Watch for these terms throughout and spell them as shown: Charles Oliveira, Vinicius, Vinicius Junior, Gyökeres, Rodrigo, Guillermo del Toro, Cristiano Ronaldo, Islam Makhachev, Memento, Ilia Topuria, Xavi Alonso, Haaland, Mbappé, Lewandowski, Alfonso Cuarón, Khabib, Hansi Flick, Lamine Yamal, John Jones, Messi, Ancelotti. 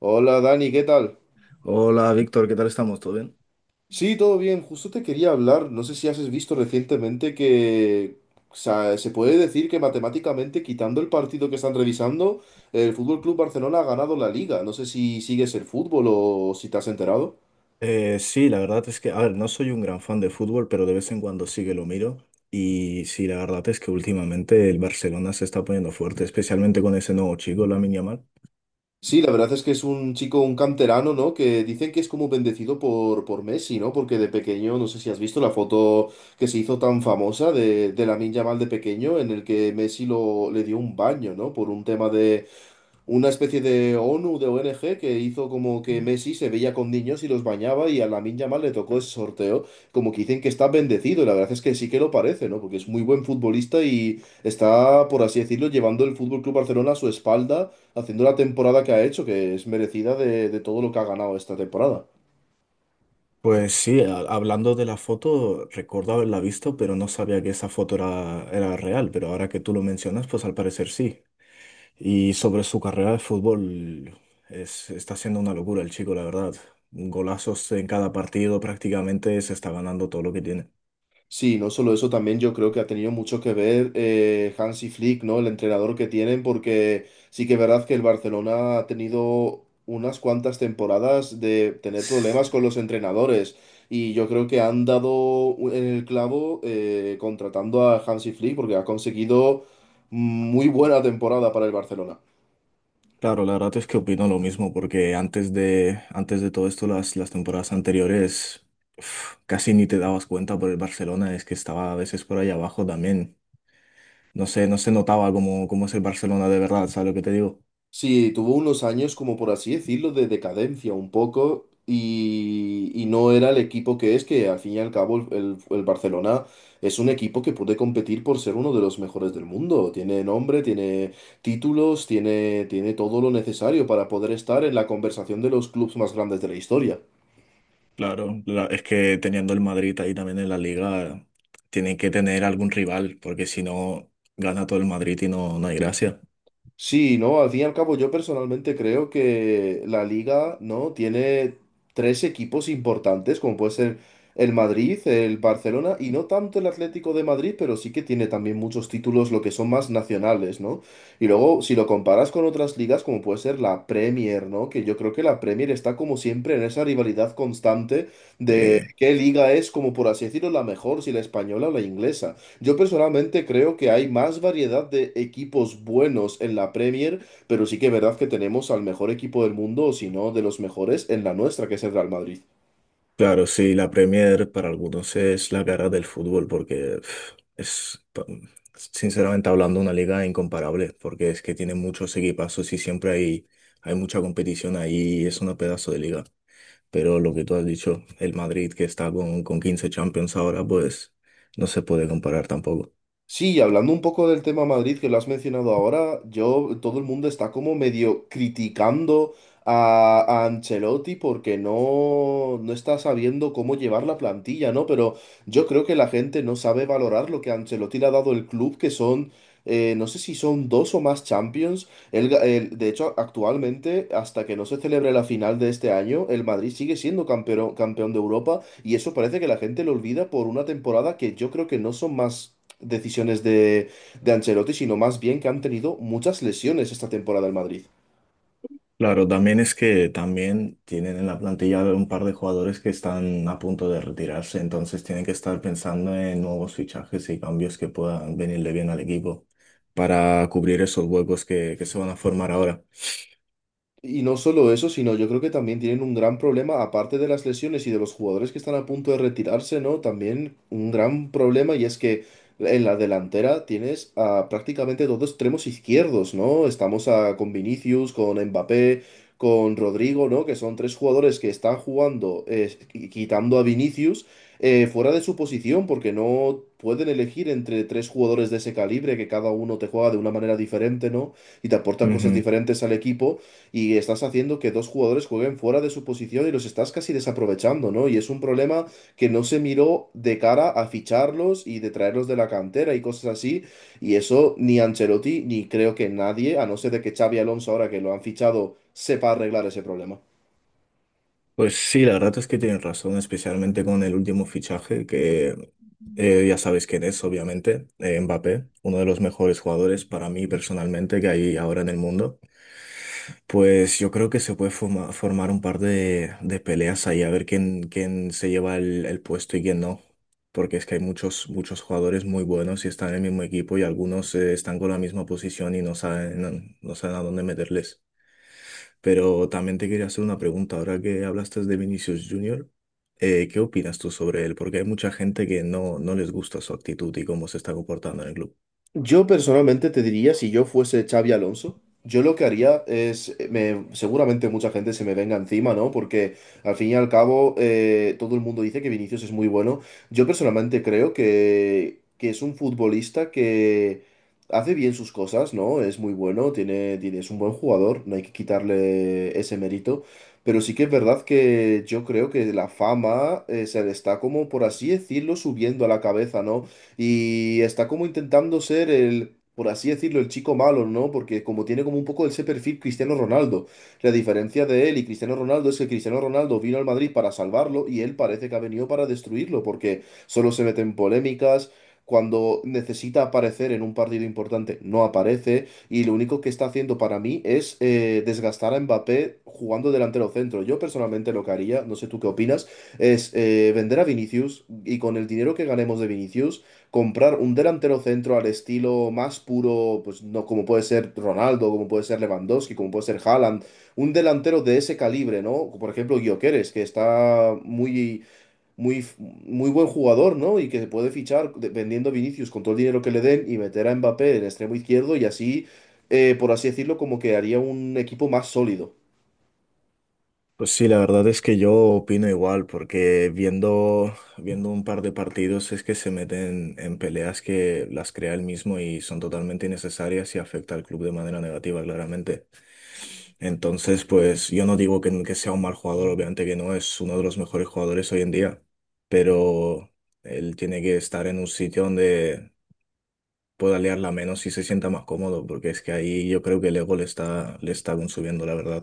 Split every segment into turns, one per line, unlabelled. Hola Dani, ¿qué tal?
Hola Víctor, ¿qué tal estamos? ¿Todo bien?
Sí, todo bien. Justo te quería hablar. No sé si has visto recientemente que, o sea, se puede decir que matemáticamente, quitando el partido que están revisando, el Fútbol Club Barcelona ha ganado la liga. No sé si sigues el fútbol o si te has enterado.
Sí, la verdad es que, a ver, no soy un gran fan de fútbol, pero de vez en cuando sí que lo miro. Y sí, la verdad es que últimamente el Barcelona se está poniendo fuerte, especialmente con ese nuevo chico, Lamine Yamal.
Sí, la verdad es que es un chico, un canterano, ¿no? Que dicen que es como bendecido por, Messi, ¿no? Porque de pequeño, no sé si has visto la foto que se hizo tan famosa de, Lamine Yamal de pequeño, en el que Messi lo, le dio un baño, ¿no? Por un tema de una especie de ONU, de ONG, que hizo como que Messi se veía con niños y los bañaba y a Lamine Yamal le tocó ese sorteo, como que dicen que está bendecido, y la verdad es que sí que lo parece, ¿no? Porque es muy buen futbolista y está, por así decirlo, llevando el Fútbol Club Barcelona a su espalda, haciendo la temporada que ha hecho, que es merecida de, todo lo que ha ganado esta temporada.
Pues sí, hablando de la foto, recuerdo haberla visto, pero no sabía que esa foto era real. Pero ahora que tú lo mencionas, pues al parecer sí. Y sobre su carrera de fútbol, es, está siendo una locura el chico, la verdad. Golazos en cada partido, prácticamente se está ganando todo lo que tiene.
Sí, no solo eso, también yo creo que ha tenido mucho que ver Hansi Flick, ¿no? El entrenador que tienen, porque sí que es verdad que el Barcelona ha tenido unas cuantas temporadas de tener problemas con los entrenadores y yo creo que han dado en el clavo contratando a Hansi Flick porque ha conseguido muy buena temporada para el Barcelona.
Claro, la verdad es que opino lo mismo, porque antes de todo esto, las temporadas anteriores uf, casi ni te dabas cuenta por el Barcelona, es que estaba a veces por ahí abajo también. No sé, no se notaba cómo es el Barcelona de verdad, ¿sabes lo que te digo?
Sí, tuvo unos años, como por así decirlo, de decadencia un poco y, no era el equipo que es, que al fin y al cabo el, el Barcelona es un equipo que puede competir por ser uno de los mejores del mundo. Tiene nombre, tiene títulos, tiene, tiene todo lo necesario para poder estar en la conversación de los clubes más grandes de la historia.
Claro, es que teniendo el Madrid ahí también en la liga, tienen que tener algún rival, porque si no, gana todo el Madrid y no, no hay gracia.
Sí, no, al fin y al cabo yo personalmente creo que la liga, ¿no? Tiene tres equipos importantes, como puede ser el Madrid, el Barcelona y no tanto el Atlético de Madrid, pero sí que tiene también muchos títulos, lo que son más nacionales, ¿no? Y luego, si lo comparas con otras ligas, como puede ser la Premier, ¿no? Que yo creo que la Premier está como siempre en esa rivalidad constante de qué liga es, como por así decirlo, la mejor, si la española o la inglesa. Yo personalmente creo que hay más variedad de equipos buenos en la Premier, pero sí que es verdad que tenemos al mejor equipo del mundo, o si no, de los mejores en la nuestra, que es el Real Madrid.
Claro, sí, la Premier para algunos es la cara del fútbol porque pf, sinceramente hablando, una liga incomparable porque es que tiene muchos equipazos y siempre hay, hay mucha competición ahí y es una pedazo de liga. Pero lo que tú has dicho, el Madrid que está con 15 Champions ahora, pues no se puede comparar tampoco.
Sí, y hablando un poco del tema Madrid que lo has mencionado ahora, yo, todo el mundo está como medio criticando a, Ancelotti porque no, está sabiendo cómo llevar la plantilla, ¿no? Pero yo creo que la gente no sabe valorar lo que Ancelotti le ha dado el club, que son, no sé si son dos o más Champions. De hecho, actualmente, hasta que no se celebre la final de este año, el Madrid sigue siendo campeón, campeón de Europa y eso parece que la gente lo olvida por una temporada que yo creo que no son más decisiones de, Ancelotti, sino más bien que han tenido muchas lesiones esta temporada el Madrid.
Claro, también es que también tienen en la plantilla un par de jugadores que están a punto de retirarse, entonces tienen que estar pensando en nuevos fichajes y cambios que puedan venirle bien al equipo para cubrir esos huecos que se van a formar ahora.
Y no solo eso, sino yo creo que también tienen un gran problema, aparte de las lesiones y de los jugadores que están a punto de retirarse, ¿no? También un gran problema y es que en la delantera tienes a prácticamente dos extremos izquierdos, ¿no? Con Vinicius, con Mbappé, con Rodrigo, ¿no? Que son tres jugadores que están jugando, quitando a Vinicius, fuera de su posición, porque no pueden elegir entre tres jugadores de ese calibre, que cada uno te juega de una manera diferente, ¿no? Y te aporta cosas
Ujú.
diferentes al equipo y estás haciendo que dos jugadores jueguen fuera de su posición y los estás casi desaprovechando, ¿no? Y es un problema que no se miró de cara a ficharlos y de traerlos de la cantera y cosas así. Y eso ni Ancelotti ni creo que nadie, a no ser de que Xavi Alonso ahora que lo han fichado, sepa arreglar ese problema.
Pues sí, la verdad es que tienen razón, especialmente con el último fichaje, que ya sabes quién es, obviamente, Mbappé, uno de los mejores jugadores para mí personalmente que hay ahora en el mundo. Pues yo creo que se puede formar un par de peleas ahí, a ver quién se lleva el puesto y quién no. Porque es que hay muchos jugadores muy buenos y están en el mismo equipo y algunos están con la misma posición y no saben, no saben a dónde meterles. Pero también te quería hacer una pregunta, ahora que hablaste de Vinicius Junior, ¿qué opinas tú sobre él? Porque hay mucha gente que no, no les gusta su actitud y cómo se está comportando en el club.
Yo personalmente te diría, si yo fuese Xavi Alonso, yo lo que haría es, seguramente mucha gente se me venga encima, ¿no? Porque al fin y al cabo todo el mundo dice que Vinicius es muy bueno. Yo personalmente creo que es un futbolista que hace bien sus cosas, ¿no? Es muy bueno, tiene, es un buen jugador, no hay que quitarle ese mérito. Pero sí que es verdad que yo creo que la fama se le está como, por así decirlo, subiendo a la cabeza, ¿no? Y está como intentando ser el, por así decirlo, el chico malo, ¿no? Porque como tiene como un poco ese perfil Cristiano Ronaldo. La diferencia de él y Cristiano Ronaldo es que Cristiano Ronaldo vino al Madrid para salvarlo y él parece que ha venido para destruirlo, porque solo se mete en polémicas. Cuando necesita aparecer en un partido importante, no aparece. Y lo único que está haciendo para mí es desgastar a Mbappé jugando delantero centro. Yo personalmente lo que haría, no sé tú qué opinas, es vender a Vinicius y con el dinero que ganemos de Vinicius comprar un delantero centro al estilo más puro, pues no como puede ser Ronaldo, como puede ser Lewandowski, como puede ser Haaland, un delantero de ese calibre, ¿no? Por ejemplo, Gyökeres, que está muy muy buen jugador, ¿no? Y que se puede vendiendo a Vinicius con todo el dinero que le den y meter a Mbappé en extremo izquierdo y así, por así decirlo, como que haría un equipo más sólido.
Pues sí, la verdad es que yo opino igual, porque viendo un par de partidos es que se meten en peleas que las crea él mismo y son totalmente innecesarias y afecta al club de manera negativa, claramente. Entonces, pues yo no digo que sea un mal jugador, obviamente que no, es uno de los mejores jugadores hoy en día, pero él tiene que estar en un sitio donde pueda liarla menos y se sienta más cómodo, porque es que ahí yo creo que el ego le está consumiendo, la verdad.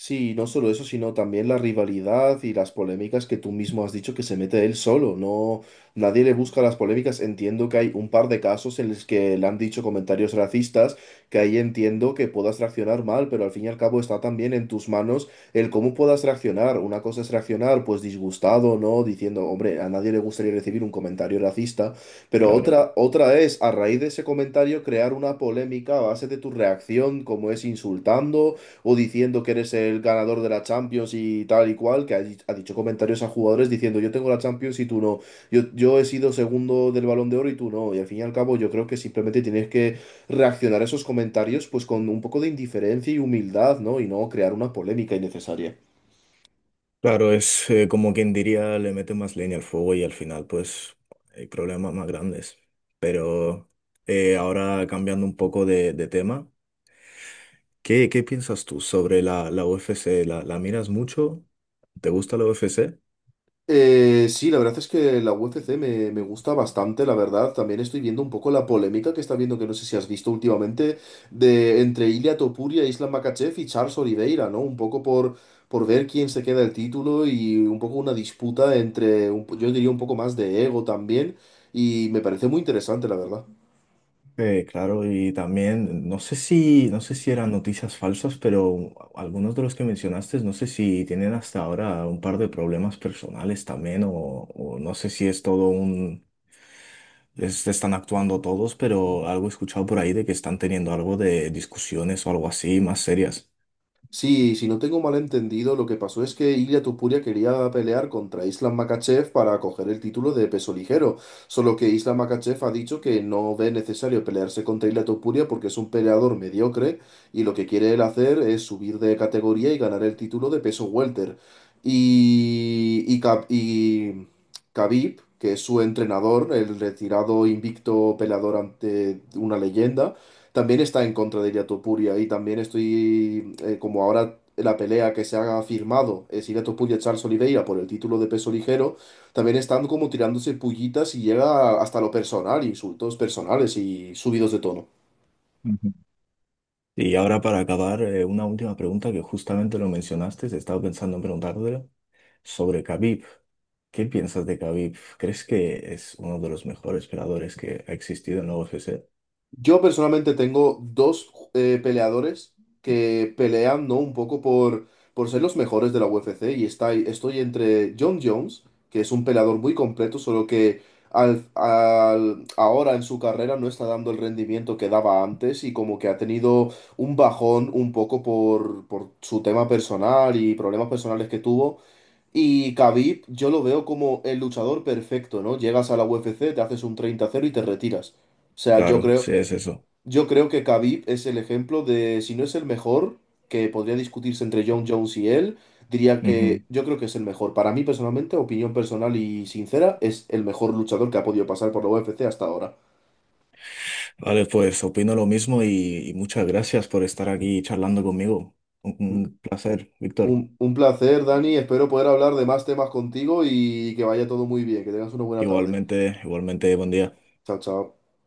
Sí, no solo eso, sino también la rivalidad y las polémicas que tú mismo has dicho que se mete él solo. No, nadie le busca las polémicas. Entiendo que hay un par de casos en los que le han dicho comentarios racistas, que ahí entiendo que puedas reaccionar mal, pero al fin y al cabo está también en tus manos el cómo puedas reaccionar. Una cosa es reaccionar, pues disgustado, ¿no? Diciendo, hombre, a nadie le gustaría recibir un comentario racista, pero
Claro.
otra, otra es, a raíz de ese comentario, crear una polémica a base de tu reacción, como es insultando o diciendo que eres el ganador de la Champions y tal y cual, ha dicho comentarios a jugadores diciendo yo tengo la Champions y tú no, yo he sido segundo del Balón de Oro y tú no, y al fin y al cabo yo creo que simplemente tienes que reaccionar a esos comentarios pues con un poco de indiferencia y humildad, ¿no? Y no crear una polémica innecesaria.
Claro, es como quien diría, le mete más leña al fuego y al final pues hay problemas más grandes. Pero ahora cambiando un poco de tema, ¿qué piensas tú sobre la UFC? ¿La miras mucho? ¿Te gusta la UFC?
Sí, la verdad es que la UFC me gusta bastante, la verdad. También estoy viendo un poco la polémica que está viendo, que no sé si has visto últimamente, de entre Ilia Topuria, Islam Makhachev y Charles Oliveira, ¿no? Un poco por, ver quién se queda el título y un poco una disputa entre, yo diría un poco más de ego también, y me parece muy interesante, la verdad.
Claro, y también no sé si eran noticias falsas, pero algunos de los que mencionaste, no sé si tienen hasta ahora un par de problemas personales también, o no sé si es todo un... Es- están actuando todos, pero algo he escuchado por ahí de que están teniendo algo de discusiones o algo así más serias.
Sí, si no tengo mal entendido, lo que pasó es que Ilia Tupuria quería pelear contra Islam Makhachev para coger el título de peso ligero, solo que Islam Makhachev ha dicho que no ve necesario pelearse contra Ilia Tupuria porque es un peleador mediocre y lo que quiere él hacer es subir de categoría y ganar el título de peso welter. Y Khabib, que es su entrenador, el retirado invicto peleador ante una leyenda, también está en contra de Ilia Topuria y también estoy, como ahora la pelea que se ha firmado es Ilia Topuria-Charles Oliveira por el título de peso ligero, también están como tirándose pullitas y llega hasta lo personal, insultos personales y subidos de tono.
Ujú. Y ahora para acabar, una última pregunta que justamente lo mencionaste, estaba pensando en preguntártelo sobre Khabib. ¿Qué piensas de Khabib? ¿Crees que es uno de los mejores peleadores que ha existido en la UFC?
Yo personalmente tengo dos peleadores que pelean, ¿no? Un poco por, ser los mejores de la UFC y está, estoy entre John Jones, que es un peleador muy completo, solo que ahora en su carrera no está dando el rendimiento que daba antes y como que ha tenido un bajón un poco por, su tema personal y problemas personales que tuvo. Y Khabib, yo lo veo como el luchador perfecto, ¿no? Llegas a la UFC, te haces un 30-0 y te retiras. O sea,
Claro, sí es eso.
yo creo que Khabib es el ejemplo de, si no es el mejor, que podría discutirse entre John Jones y él, diría que
Ujú.
yo creo que es el mejor. Para mí personalmente, opinión personal y sincera, es el mejor luchador que ha podido pasar por la UFC hasta ahora.
Vale, pues opino lo mismo y muchas gracias por estar aquí charlando conmigo. Un placer, Víctor.
Un placer, Dani. Espero poder hablar de más temas contigo y que vaya todo muy bien. Que tengas una buena tarde.
Igualmente, igualmente, buen día.
Chao, chao.